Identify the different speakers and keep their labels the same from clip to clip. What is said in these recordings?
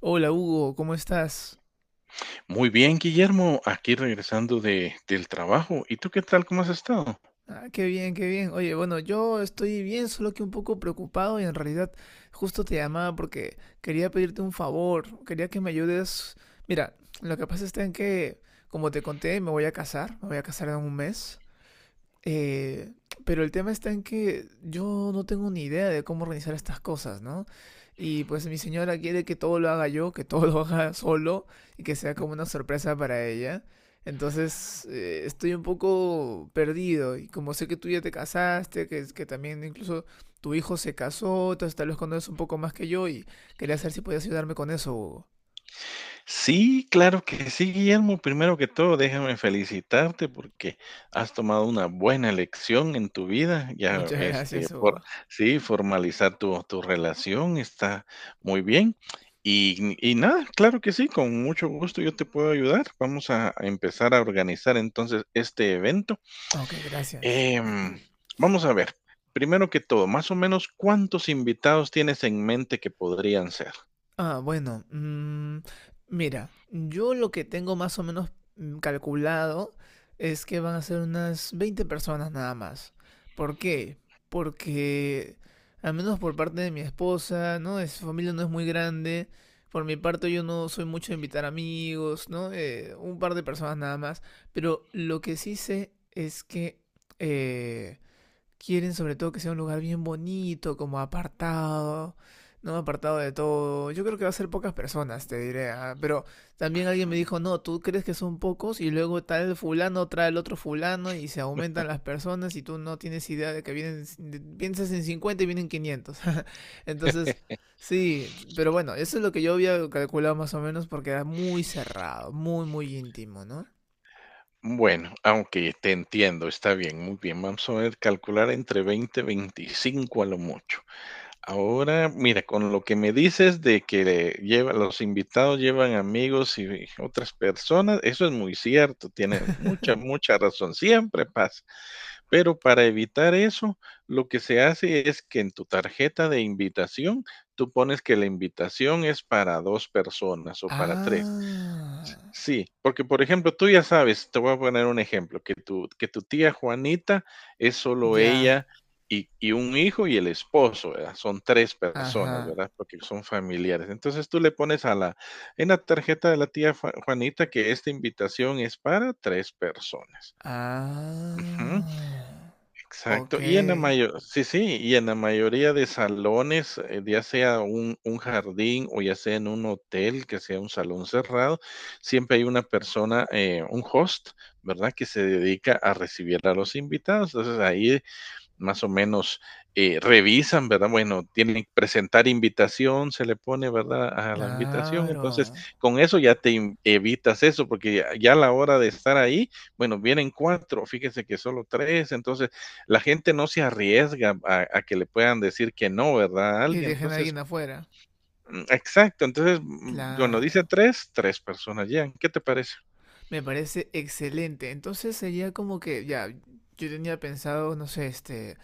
Speaker 1: Hola, Hugo, ¿cómo estás?
Speaker 2: Muy bien, Guillermo, aquí regresando del trabajo. ¿Y tú qué tal? ¿Cómo has estado?
Speaker 1: Ah, qué bien, qué bien. Oye, bueno, yo estoy bien, solo que un poco preocupado y en realidad justo te llamaba porque quería pedirte un favor, quería que me ayudes. Mira, lo que pasa está en que, como te conté, me voy a casar, me voy a casar en un mes. Eh, pero el tema está en que yo no tengo ni idea de cómo organizar estas cosas, ¿no? Y pues mi señora quiere que todo lo haga yo, que todo lo haga solo y que sea como una sorpresa para ella. Entonces, estoy un poco perdido y como sé que tú ya te casaste, que también incluso tu hijo se casó, entonces tal vez conoces un poco más que yo y quería saber si podías ayudarme con eso, Hugo.
Speaker 2: Sí, claro que sí, Guillermo. Primero que todo, déjame felicitarte porque has tomado una buena elección en tu vida. Ya,
Speaker 1: Muchas gracias, Hugo.
Speaker 2: sí, formalizar tu relación está muy bien. Y nada, claro que sí, con mucho gusto yo te puedo ayudar. Vamos a empezar a organizar entonces este evento.
Speaker 1: Ok, gracias.
Speaker 2: Em, Vamos a ver, primero que todo, más o menos, ¿cuántos invitados tienes en mente que podrían ser?
Speaker 1: Ah, bueno, mira, yo lo que tengo más o menos calculado es que van a ser unas 20 personas nada más. ¿Por qué? Porque, al menos por parte de mi esposa, ¿no? Es, su familia no es muy grande. Por mi parte, yo no soy mucho de invitar amigos, ¿no? Un par de personas nada más. Pero lo que sí sé es que eh, quieren sobre todo que sea un lugar bien bonito, como apartado, ¿no? Apartado de todo. Yo creo que va a ser pocas personas, te diré, ah. Pero también alguien me
Speaker 2: Ujú.
Speaker 1: dijo, no, tú crees que son pocos y luego tal fulano trae el otro fulano y se aumentan las personas y tú no tienes idea de que vienen, piensas en 50 y vienen 500. Entonces, sí, pero bueno, eso es lo que yo había calculado más o menos porque era muy cerrado, muy, muy íntimo, ¿no?
Speaker 2: Bueno, aunque te entiendo, está bien, muy bien. Vamos a ver, calcular entre 20 25 a lo mucho. Ahora, mira, con lo que me dices de que lleva, los invitados llevan amigos y otras personas, eso es muy cierto, tienes mucha, mucha razón, siempre pasa. Pero para evitar eso, lo que se hace es que en tu tarjeta de invitación, tú pones que la invitación es para 2 personas o para 3.
Speaker 1: Ah,
Speaker 2: Sí, porque, por ejemplo, tú ya sabes, te voy a poner un ejemplo, que tu tía Juanita es solo
Speaker 1: ya,
Speaker 2: ella y un hijo y el esposo, ¿verdad? Son 3 personas,
Speaker 1: ajá.
Speaker 2: ¿verdad? Porque son familiares. Entonces, tú le pones a la en la tarjeta de la tía Juanita que esta invitación es para 3 personas. Ujú.
Speaker 1: Ah,
Speaker 2: Exacto,
Speaker 1: ok,
Speaker 2: y en la mayo sí, sí, y en la mayoría de salones, ya sea un jardín o ya sea en un hotel, que sea un salón cerrado, siempre hay una persona, un host, ¿verdad?, que se dedica a recibir a los invitados. Entonces, ahí más o menos revisan, ¿verdad? Bueno, tienen que presentar invitación, se le pone, ¿verdad? A la invitación. Entonces,
Speaker 1: claro.
Speaker 2: con eso ya evitas eso, porque ya, ya a la hora de estar ahí, bueno, vienen cuatro, fíjese que solo tres. Entonces, la gente no se arriesga a que le puedan decir que no, ¿verdad? A
Speaker 1: Y
Speaker 2: alguien.
Speaker 1: dejen a alguien
Speaker 2: Entonces,
Speaker 1: afuera.
Speaker 2: exacto. Entonces, bueno, dice
Speaker 1: Claro.
Speaker 2: tres, tres personas llegan. ¿Qué te parece?
Speaker 1: Me parece excelente. Entonces sería como que, ya, yo tenía pensado, no sé, este,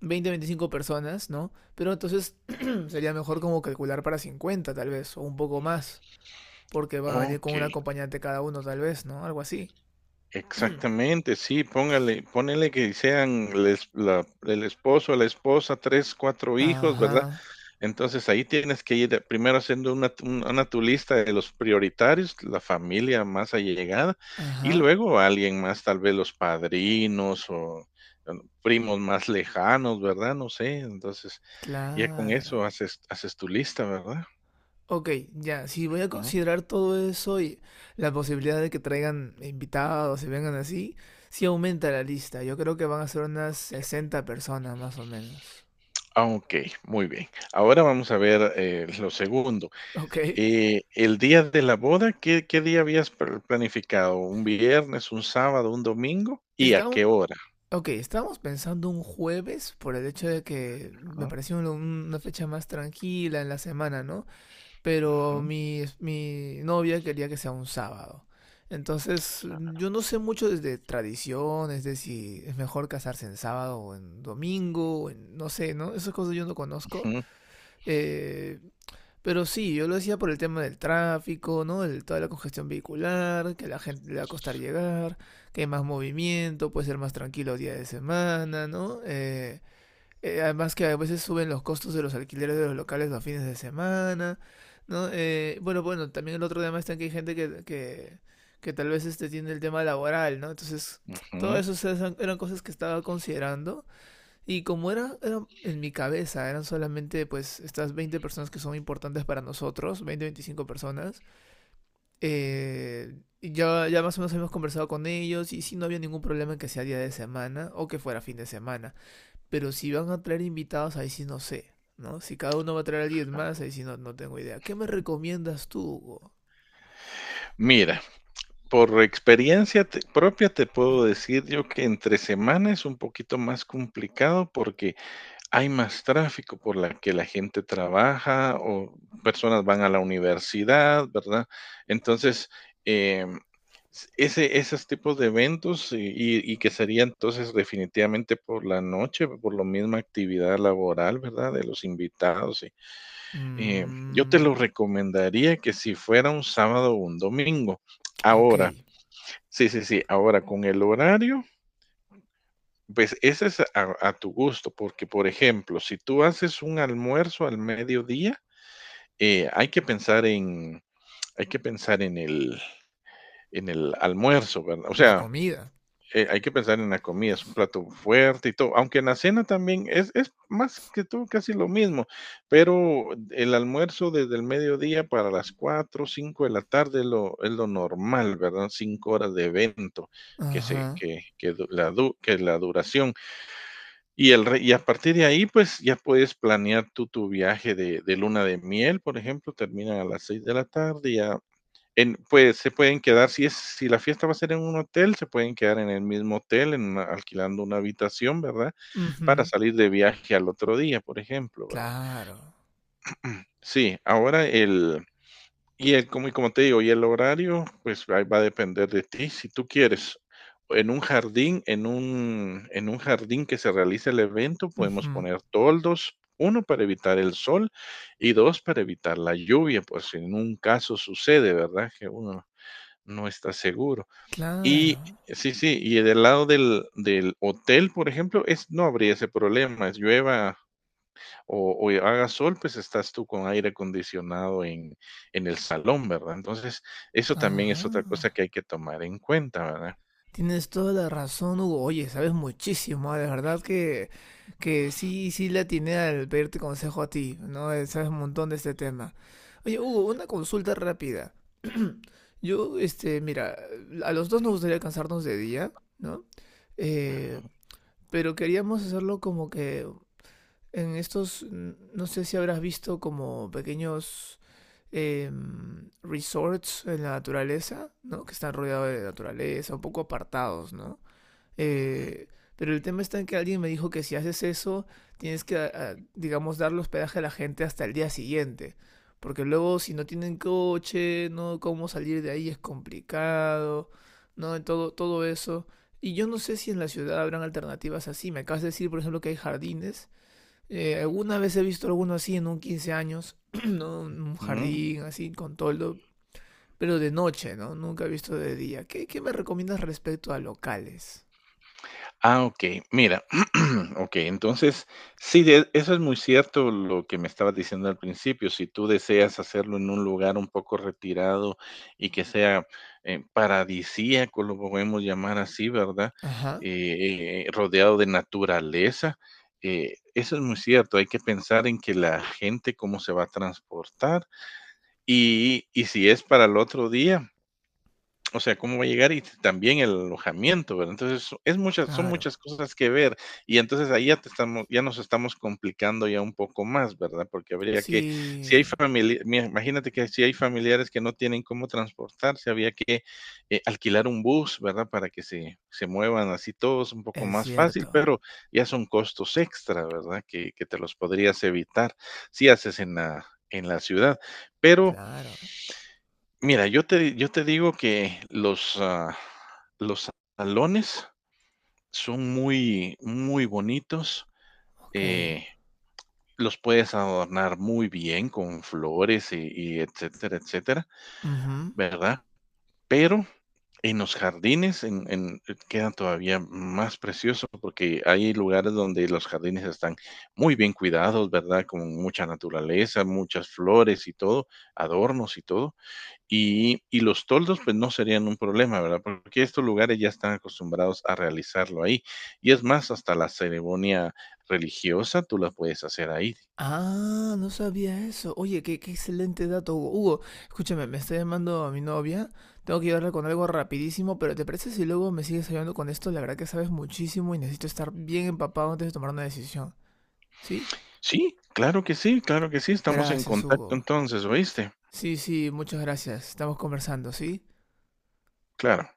Speaker 1: 20 25 personas, ¿no? Pero entonces sería mejor como calcular para 50 tal vez, o un poco más, porque van a venir con
Speaker 2: Ok.
Speaker 1: un acompañante cada uno tal vez, ¿no? Algo así.
Speaker 2: Exactamente, sí, póngale, ponele que sean el esposo, la esposa, tres, cuatro hijos, ¿verdad?
Speaker 1: Ajá,
Speaker 2: Entonces ahí tienes que ir primero haciendo una tu lista de los prioritarios, la familia más allegada, y
Speaker 1: ajá,
Speaker 2: luego alguien más, tal vez los padrinos o eh, primos más lejanos, ¿verdad? No sé, entonces ya con eso
Speaker 1: claro.
Speaker 2: haces tu lista, ¿verdad?
Speaker 1: Ok, ya, si voy a
Speaker 2: Ujú.
Speaker 1: considerar todo eso y la posibilidad de que traigan invitados y vengan así, sí aumenta la lista. Yo creo que van a ser unas 60 personas más o menos.
Speaker 2: Ah, ok, muy bien. Ahora vamos a ver lo segundo.
Speaker 1: Ok,
Speaker 2: El día de la boda, ¿qué día habías planificado? ¿Un viernes, un sábado, un domingo? ¿Y a
Speaker 1: está
Speaker 2: qué
Speaker 1: un-
Speaker 2: hora?
Speaker 1: ok, estábamos pensando un jueves por el hecho de que me
Speaker 2: ¿No?
Speaker 1: pareció una fecha más tranquila en la semana, ¿no? Pero
Speaker 2: Ujú,
Speaker 1: mi novia quería que sea un sábado. Entonces, yo no sé mucho de tradiciones, de si es mejor casarse en sábado o en domingo, no sé, ¿no? Esas cosas yo no conozco.
Speaker 2: ujú,
Speaker 1: Eh, pero sí, yo lo decía por el tema del tráfico, ¿no? El, toda la congestión vehicular, que a la gente le va a costar llegar, que hay más movimiento, puede ser más tranquilo día de semana, ¿no? Además que a veces suben los costos de los alquileres de los locales a fines de semana, ¿no? Bueno, bueno, también el otro tema está en que hay gente que, que tal vez este tiene el tema laboral, ¿no? Entonces,
Speaker 2: Ujú.
Speaker 1: eran, eran cosas que estaba considerando y como era, eran en mi cabeza, eran solamente pues estas 20 personas que son importantes para nosotros, 20 25 personas, eh, y ya, ya más o menos hemos conversado con ellos y sí no había ningún problema en que sea día de semana o que fuera fin de semana. Pero si van a traer invitados, ahí sí no sé, ¿no? Si cada uno va a traer a alguien más, ahí sí no, no tengo idea. ¿Qué me recomiendas tú, Hugo?
Speaker 2: Mira, por propia te puedo decir yo que entre semana es un poquito más complicado porque hay más tráfico por la que la gente trabaja o personas van a la universidad, ¿verdad? Entonces, em, esos tipos de eventos y que sería entonces definitivamente por la noche, por la misma actividad laboral, ¿verdad? De los invitados. Y, yo te
Speaker 1: Mmm.
Speaker 2: lo recomendaría que si fuera un sábado o un domingo.
Speaker 1: Ok.
Speaker 2: Ahora, sí, ahora con el horario. Pues ese es a tu gusto, porque, por ejemplo, si tú haces un almuerzo al mediodía, eh, hay que pensar en hay que pensar en el almuerzo, ¿verdad? O
Speaker 1: La
Speaker 2: sea,
Speaker 1: comida.
Speaker 2: hay que pensar en la comida, es un plato fuerte y todo, aunque en la cena también es más que todo casi lo mismo, pero el almuerzo desde el mediodía para las 4, 5 de la tarde es lo normal, ¿verdad? 5 horas de evento que se
Speaker 1: Ajá.
Speaker 2: que du la du que la duración. Y el re Y a partir de ahí, pues, ya puedes planear tú tu viaje de luna de miel, por ejemplo, termina a las 6 de la tarde, ya en pues, se pueden quedar, si la fiesta va a ser en un hotel, se pueden quedar en el mismo hotel, en una alquilando una habitación, ¿verdad? Para
Speaker 1: Ujú.
Speaker 2: salir de viaje al otro día, por ejemplo, ¿verdad?
Speaker 1: Claro.
Speaker 2: Sí, ahora el y el, como, y como te digo, y el horario, pues ahí va a depender de ti. Si tú quieres en un jardín, en un jardín que se realice el evento, podemos
Speaker 1: Ujú.
Speaker 2: poner toldos, uno para evitar el sol y dos para evitar la lluvia, pues si en un caso sucede, ¿verdad? Que uno no está seguro.
Speaker 1: Claro.
Speaker 2: Y sí, y del lado del hotel, por ejemplo, no habría ese problema, llueva o haga sol, pues estás tú con aire acondicionado en el salón, ¿verdad? Entonces, eso también
Speaker 1: Ajá.
Speaker 2: es otra cosa que hay que tomar en cuenta, ¿verdad?
Speaker 1: Tienes toda la razón, Hugo. Oye, sabes muchísimo, ¿ah? De verdad que sí, sí le atiné al pedirte consejo a ti, ¿no? Sabes un montón de este tema. Oye, Hugo, una consulta rápida. Yo, este, mira, a los dos nos gustaría cansarnos de día, ¿no? Eh, pero queríamos hacerlo como que en estos, no sé si habrás visto como pequeños resorts en la naturaleza, ¿no? Que están rodeados de naturaleza, un poco apartados, ¿no? Eh, pero el tema está en que alguien me dijo que si haces eso, tienes que, a- a, digamos, darle hospedaje a la gente hasta el día siguiente. Porque luego si no tienen coche, no, cómo salir de ahí es complicado, no, todo, todo eso. Y yo no sé si en la ciudad habrán alternativas así. Me acabas de decir, por ejemplo, que hay jardines. Alguna vez he visto alguno así en un 15 años, ¿no? Un
Speaker 2: Ujú.
Speaker 1: jardín así con toldo, pero de noche, ¿no? Nunca he visto de día. ¿Qué, qué me recomiendas respecto a locales?
Speaker 2: Ah, okey. Mira, okey, entonces, sí, de eso es muy cierto lo que me estabas diciendo al principio. Si tú deseas hacerlo en un lugar un poco retirado y que sea, paradisíaco, lo podemos llamar así, ¿verdad?
Speaker 1: Ajá.
Speaker 2: Rodeado de naturaleza, eso es muy cierto. Hay que pensar en que la gente cómo se va a transportar y si es para el otro día, o sea, cómo va a llegar y también el alojamiento, ¿verdad? Entonces, so- es muchas son
Speaker 1: Claro.
Speaker 2: muchas cosas que ver, y entonces ahí ya nos estamos complicando ya un poco más, ¿verdad? Porque habría que si
Speaker 1: Sí,
Speaker 2: hay famili imagínate que si hay familiares que no tienen cómo transportarse, había que, alquilar un bus, ¿verdad? Para que se muevan así todos un poco
Speaker 1: es
Speaker 2: más fácil,
Speaker 1: cierto.
Speaker 2: pero ya son costos extra, ¿verdad? Que te los podrías evitar si haces en la ciudad. Pero,
Speaker 1: Claro.
Speaker 2: mira, yo te digo que los salones son muy, muy bonitos,
Speaker 1: Ok.
Speaker 2: eh, los puedes adornar muy bien con flores y etcétera, etcétera,
Speaker 1: Ujú.
Speaker 2: ¿verdad? Pero en los jardines, en queda todavía más precioso, porque hay lugares donde los jardines están muy bien cuidados, ¿verdad? Con mucha naturaleza, muchas flores y todo, adornos y todo. Y los toldos, pues no serían un problema, ¿verdad? Porque estos lugares ya están acostumbrados a realizarlo ahí. Y es más, hasta la ceremonia religiosa tú la puedes hacer ahí.
Speaker 1: Ah, no sabía eso. Oye, qué, qué excelente dato, Hugo. Hugo, escúchame, me está llamando a mi novia. Tengo que ayudarla con algo rapidísimo, pero ¿te parece si luego me sigues ayudando con esto? La verdad que sabes muchísimo y necesito estar bien empapado antes de tomar una decisión. ¿Sí?
Speaker 2: Sí, claro que sí, claro que sí, estamos en
Speaker 1: Gracias,
Speaker 2: contacto
Speaker 1: Hugo.
Speaker 2: entonces, ¿oíste?
Speaker 1: Sí, sí, muchas gracias. Estamos conversando, ¿sí?
Speaker 2: Claro.